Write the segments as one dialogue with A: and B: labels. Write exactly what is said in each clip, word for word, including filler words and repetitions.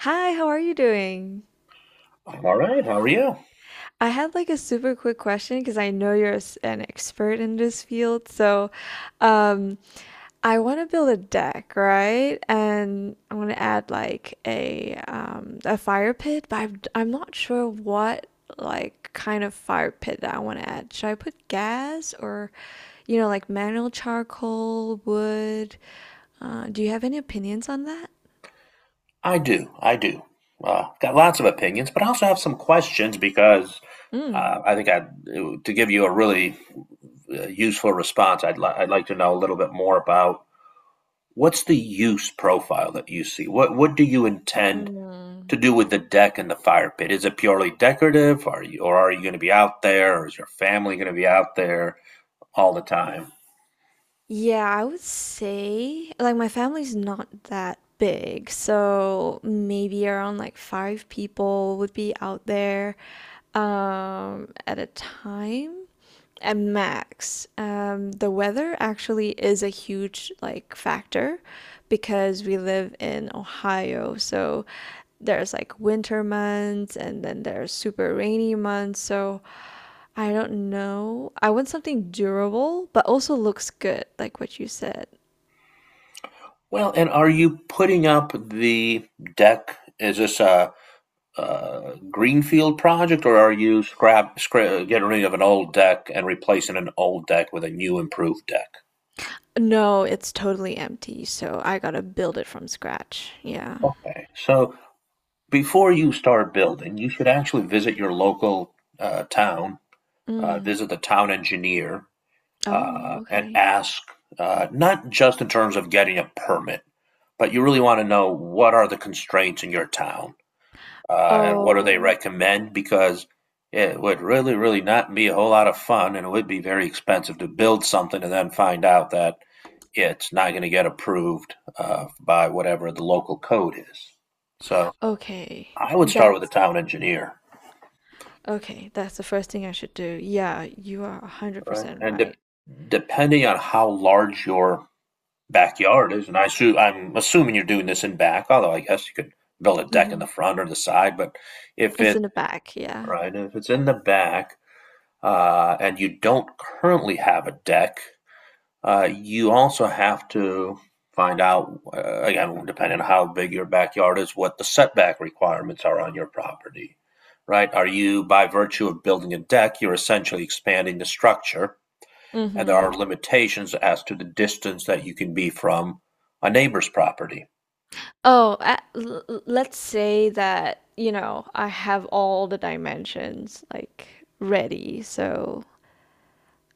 A: Hi, how are you doing?
B: I'm all right. How are you?
A: I had like a super quick question because I know you're s- an expert in this field. So, um, I want to build a deck, right? And I want to add like a um a fire pit, but I'm I'm not sure what like kind of fire pit that I want to add. Should I put gas or, you know, like manual charcoal, wood? Uh, do you have any opinions on that?
B: I do. I do. Uh, got lots of opinions, but I also have some questions because
A: Mm.
B: uh, I think I to give you a really uh, useful response. I'd li- I'd like to know a little bit more about what's the use profile that you see. What what do you intend
A: Mm.
B: to do with the deck and the fire pit? Is it purely decorative? Are you or are you going to be out there? Or is your family going to be out there all the time?
A: Yeah, I would say like my family's not that big, so maybe around like five people would be out there um, at a time at max. Um, the weather actually is a huge like factor because we live in Ohio, so there's like winter months and then there's super rainy months, so I don't know. I want something durable, but also looks good, like what you said.
B: Well, and are you putting up the deck? Is this a uh, greenfield project, or are you scrap, scrap getting rid of an old deck and replacing an old deck with a new improved deck?
A: No, it's totally empty, so I gotta build it from scratch. Yeah.
B: Okay, so before you start building, you should actually visit your local uh, town, uh,
A: Mm.
B: visit the town engineer,
A: Oh,
B: uh, and
A: okay.
B: ask uh, not just in terms of getting a permit, but you really want to know what are the constraints in your town uh, and what do they
A: Oh,
B: recommend? Because it would really, really not be a whole lot of fun, and it would be very expensive to build something and then find out that it's not going to get approved uh, by whatever the local code is. So
A: okay.
B: I would start with a
A: That's
B: town engineer,
A: okay. That's the first thing I should do. Yeah, you are
B: right?
A: one hundred percent
B: And de-
A: right.
B: depending on how large your backyard is, and I assume, I'm assuming you're doing this in back, although I guess you could build a deck in
A: Hmm.
B: the front or the side, but if
A: It's
B: it
A: in the back, yeah.
B: right, if it's in the back, uh, and you don't currently have a deck, uh, you also have to find out, uh, again, depending on how big your backyard is, what the setback requirements are on your property, right? Are you, by virtue of building a deck, you're essentially expanding the structure, and there
A: Mm-hmm.
B: are limitations as to the distance that you can be from a neighbor's property.
A: Oh, uh, l l- let's say that, you know, I have all the dimensions like ready, so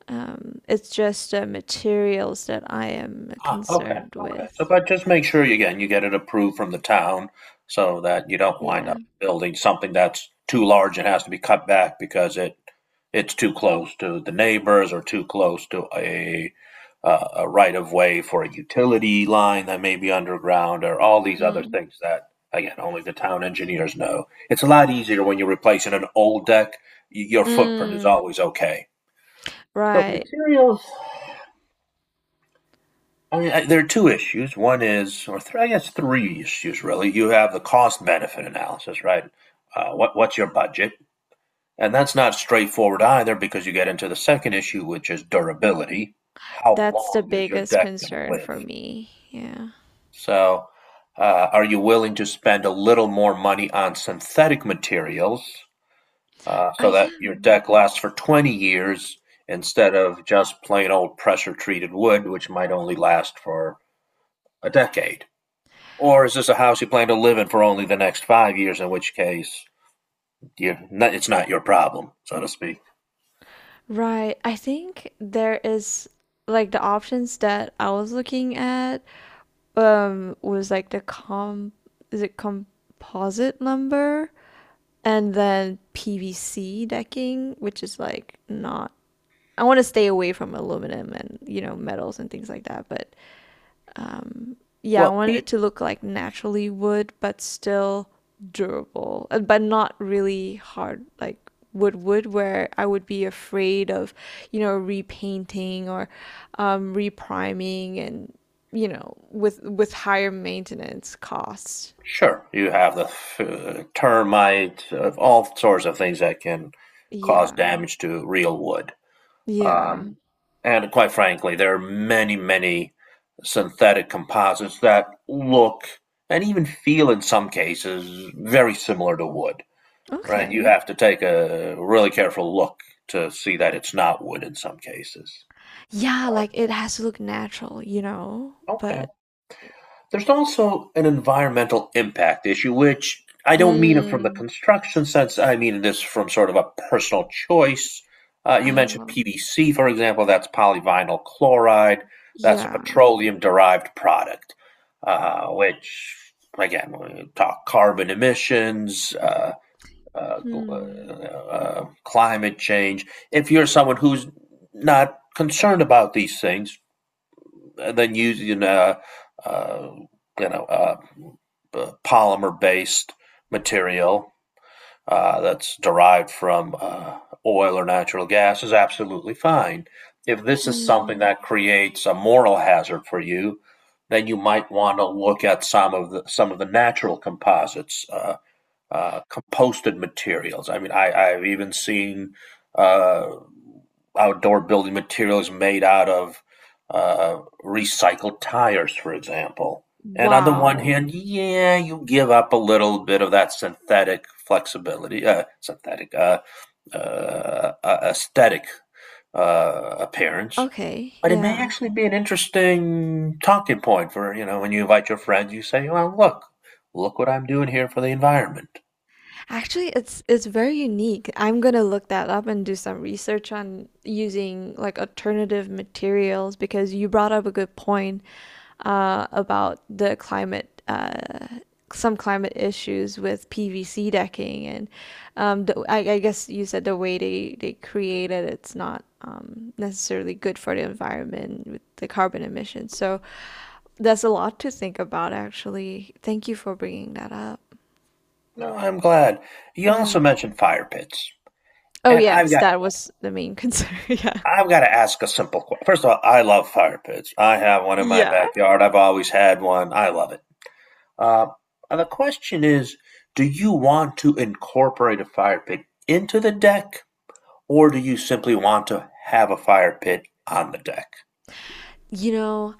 A: Um, it's just uh, materials that I am
B: Ah, okay,
A: concerned
B: okay. So,
A: with.
B: but just make sure you, again, you get it approved from the town so that you don't wind up
A: Yeah.
B: building something that's too large and has to be cut back because it, it's too close to the neighbors or too close to a, uh, a right of way for a utility line that may be underground or all these other
A: Mm.
B: things that, again, only the town engineers know. It's a lot easier when you're replacing an old deck. Y- Your footprint is
A: Mm.
B: always okay. So
A: Right.
B: materials, I mean, I, there are two issues. One is, or three, I guess three issues really. You have the cost benefit analysis, right? Uh, what what's your budget? And that's not straightforward either because you get into the second issue, which is durability. How
A: That's the
B: long is your
A: biggest
B: deck going to
A: concern
B: live?
A: for me. Yeah.
B: So, uh, are you willing to spend a little more money on synthetic materials uh, so
A: I
B: that your
A: am.
B: deck lasts for twenty years instead of just plain old pressure treated wood, which might only last for a decade? Or is this a house you plan to live in for only the next five years, in which case you're not, it's not your problem, so to speak?
A: Right. I think there is like the options that I was looking at um was like the com is it composite lumber and then P V C decking, which is like not. I want to stay away from aluminum and, you know, metals and things like that. But yeah, I
B: Well,
A: wanted it to look like naturally wood, but still durable, uh, but not really hard, like wood wood, where I would be afraid of, you know, repainting or um, repriming and, you know, with with higher maintenance costs.
B: sure, you have the uh, termite, uh, all sorts of things that can cause
A: Yeah.
B: damage to real wood.
A: Yeah.
B: Um, and quite frankly, there are many, many synthetic composites that look and even feel in some cases very similar to wood. Right? You
A: Okay.
B: have to take a really careful look to see that it's not wood in some cases.
A: Yeah, like it has to look natural, you know,
B: Okay.
A: but
B: There's also an environmental impact issue, which I don't mean it from the
A: mm,
B: construction sense. I mean this from sort of a personal choice. Uh, you mentioned
A: oh,
B: P V C, for example. That's polyvinyl chloride. That's a
A: yeah.
B: petroleum derived product, uh, which, again, we talk carbon emissions, uh, uh, uh,
A: Hmm,
B: uh, um, climate change. If you're someone who's not concerned about these things, uh, then using uh, uh, you know uh, uh, polymer-based material uh, that's derived from uh, oil or natural gas is absolutely fine. If this is something
A: hmm.
B: that creates a moral hazard for you, then you might want to look at some of the some of the natural composites. Uh, uh, composted materials. I mean, I, I've even seen uh, outdoor building materials made out of uh, recycled tires, for example. And on the one
A: Wow.
B: hand, yeah, you give up a little bit of that synthetic flexibility, uh, synthetic uh, uh, uh, aesthetic uh, appearance.
A: Okay,
B: But it may
A: yeah.
B: actually be an interesting talking point for you know when you invite your friends, you say, "Well, look, look what I'm doing here for the environment."
A: Actually, it's it's very unique. I'm gonna look that up and do some research on using like alternative materials because you brought up a good point uh, about the climate, uh, some climate issues with P V C decking and um, the, I, I guess you said the way they they create it, it's not um, necessarily good for the environment with the carbon emissions. So that's a lot to think about, actually. Thank you for bringing that up.
B: No, I'm glad. You
A: Yeah.
B: also mentioned fire pits,
A: Oh,
B: and I've
A: yes,
B: got
A: that was the main concern. Yeah.
B: I've got to ask a simple question. First of all, I love fire pits. I have one in my
A: Yeah.
B: backyard. I've always had one. I love it. Uh, and the question is, do you want to incorporate a fire pit into the deck, or do you simply want to have a fire pit on the deck?
A: You know,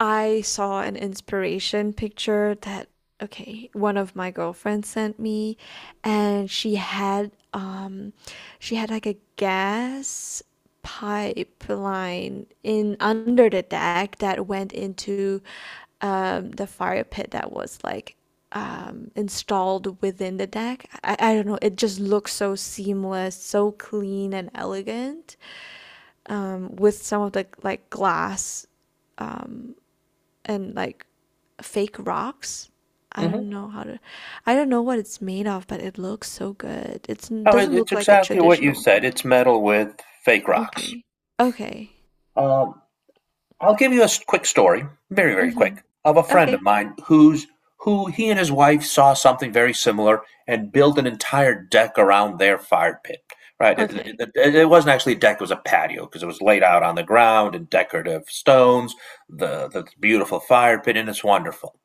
A: I saw an inspiration picture that, okay, one of my girlfriends sent me, and she had um she had like a gas pipeline in under the deck that went into um the fire pit that was like um installed within the deck. I, I don't know, it just looks so seamless, so clean and elegant um, with some of the like glass, um, and like fake rocks. I
B: Mm-hmm.
A: don't know how to, I don't know what it's made of, but it looks so good. It's, it
B: Oh, it-
A: doesn't
B: it's
A: look like a
B: exactly what you
A: traditional.
B: said. It's metal with fake rocks.
A: Okay. Okay.
B: Um, I'll give you a s- quick story, very, very
A: Mm-hmm.
B: quick, of a friend of
A: Okay.
B: mine who's who he and his wife saw something very similar and built an entire deck around their fire pit. Right, it,
A: Okay.
B: it- it- it wasn't actually a deck; it was a patio because it was laid out on the ground and decorative stones, the the beautiful fire pit, and it's wonderful.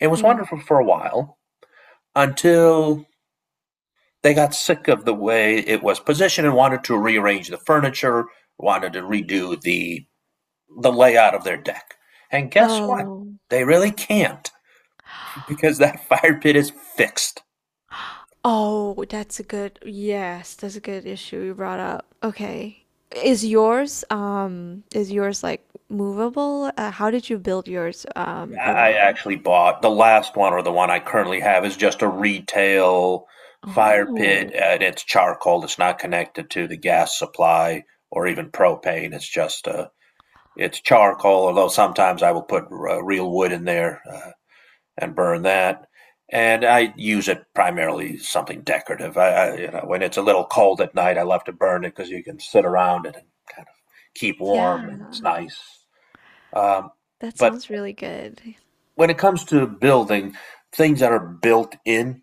B: It was
A: Mm.
B: wonderful for a while until they got sick of the way it was positioned and wanted to rearrange the furniture, wanted to redo the the layout of their deck. And guess what?
A: Oh.
B: They really can't because that fire pit is fixed.
A: Oh, that's a good, yes, that's a good issue you brought up. Okay. Is yours, um, is yours like movable? Uh, how did you build yours, um,
B: I
A: around?
B: actually bought the last one or the one I currently have is just a retail fire pit
A: Oh.
B: and it's charcoal. It's not connected to the gas supply or even propane. It's just a it's charcoal, although sometimes I will put uh, real wood in there. Uh, and burn that. And I use it primarily something decorative. I, I you know when it's a little cold at night, I love to burn it because you can sit around it and kind of keep warm
A: Yeah,
B: and it's nice. Um,
A: that
B: but
A: sounds really good.
B: when it comes to building things that are built in,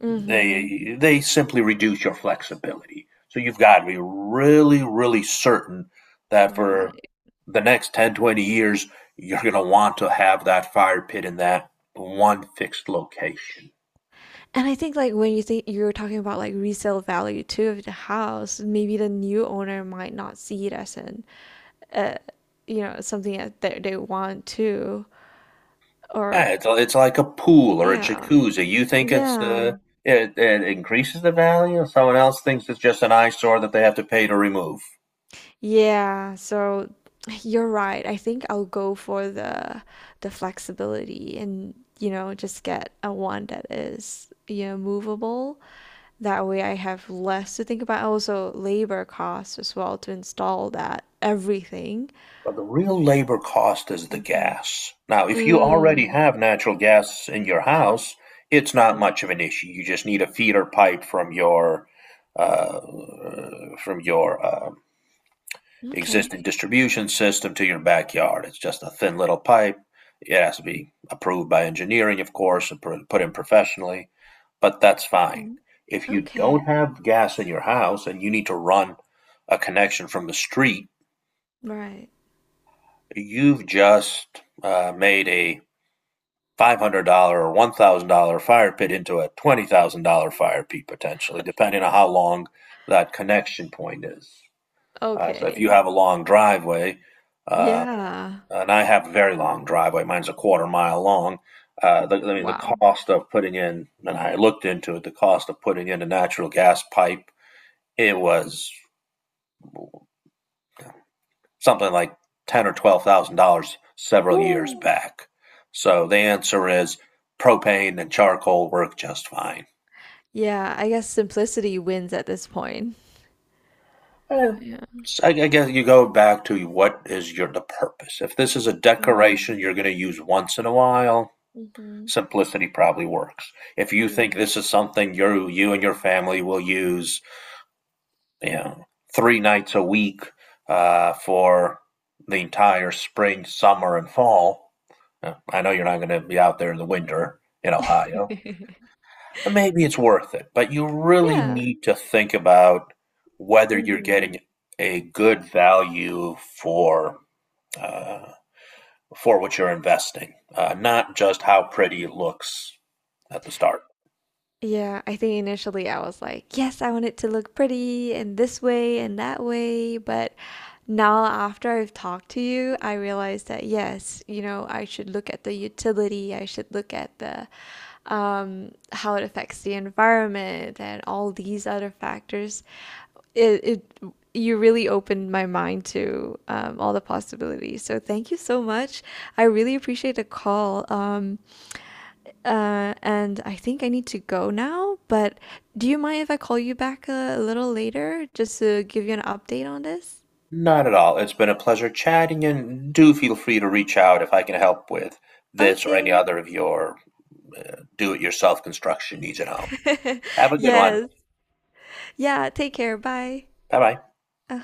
A: Mhm.
B: they they simply reduce your flexibility. So you've got to be really, really certain that for
A: Right.
B: the next ten, twenty years, you're going to want to have that fire pit in that one fixed location.
A: And I think, like, when you think you were talking about, like, resale value too of the house, maybe the new owner might not see it as an, uh, you know, something that they they want to. Or
B: Yeah, it's it's like a pool or a
A: yeah.
B: jacuzzi. You think it's uh,
A: Yeah.
B: it, it increases the value, someone else thinks it's just an eyesore that they have to pay to remove.
A: Yeah, so you're right. I think I'll go for the the flexibility and, you know, just get a one that is, you know, movable. That way I have less to think about. Also, labor costs as well to install that everything.
B: But the real labor cost is the
A: Mhm.
B: gas. Now, if you already
A: Mm.
B: have natural gas in your house, it's not
A: Mm,
B: much of an issue. You just need a feeder pipe from your uh, from your uh,
A: okay.
B: existing distribution system to your backyard. It's just a thin little pipe. It has to be approved by engineering, of course, and put in professionally, but that's fine.
A: Mhm.
B: If you
A: Okay.
B: don't have gas in your house and you need to run a connection from the street,
A: Right.
B: you've just uh, made a five hundred dollars or one thousand dollars fire pit into a twenty thousand dollars fire pit potentially, depending on how long that connection point is. Uh, so if you have
A: Okay.
B: a long driveway, uh,
A: Yeah.
B: and I have a very long driveway. Mine's a quarter mile long. Uh, the, I mean, the
A: Wow.
B: cost of putting in, and I looked into it, the cost of putting in a natural gas pipe, it was something like ten or twelve thousand dollars several years
A: Woo.
B: back. So the answer is propane and charcoal work just fine.
A: Yeah, I guess simplicity wins at this point.
B: Eh,
A: Yeah.
B: so I guess you go back to what is your the purpose. If this is a decoration
A: Mm.
B: you're going to use once in a while,
A: Mhm.
B: simplicity probably works. If you think
A: Mm.
B: this is something you you and your family will use, you know, three nights a week uh, for the entire spring, summer, and fall, uh, I know you're not going to be out there in the winter in Ohio. Maybe it's worth it, but you really
A: Yeah.
B: need to think about whether you're
A: Hmm.
B: getting a good value for uh, for what you're investing, uh, not just how pretty it looks at the start.
A: Yeah, I think initially I was like, yes, I want it to look pretty and this way and that way, but now after I've talked to you, I realized that yes, you know, I should look at the utility, I should look at the um, how it affects the environment and all these other factors. It, it you really opened my mind to um, all the possibilities. So thank you so much. I really appreciate the call. Um, uh, and I think I need to go now, but do you mind if I call you back a a little later just to give you an update on this?
B: Not at all. It's been a pleasure chatting, and do feel free to reach out if I can help with this or any
A: Okay.
B: other of your uh, do it yourself construction needs at home. Have a good one.
A: Yes. Yeah, take care. Bye.
B: Bye bye.
A: Uh-huh.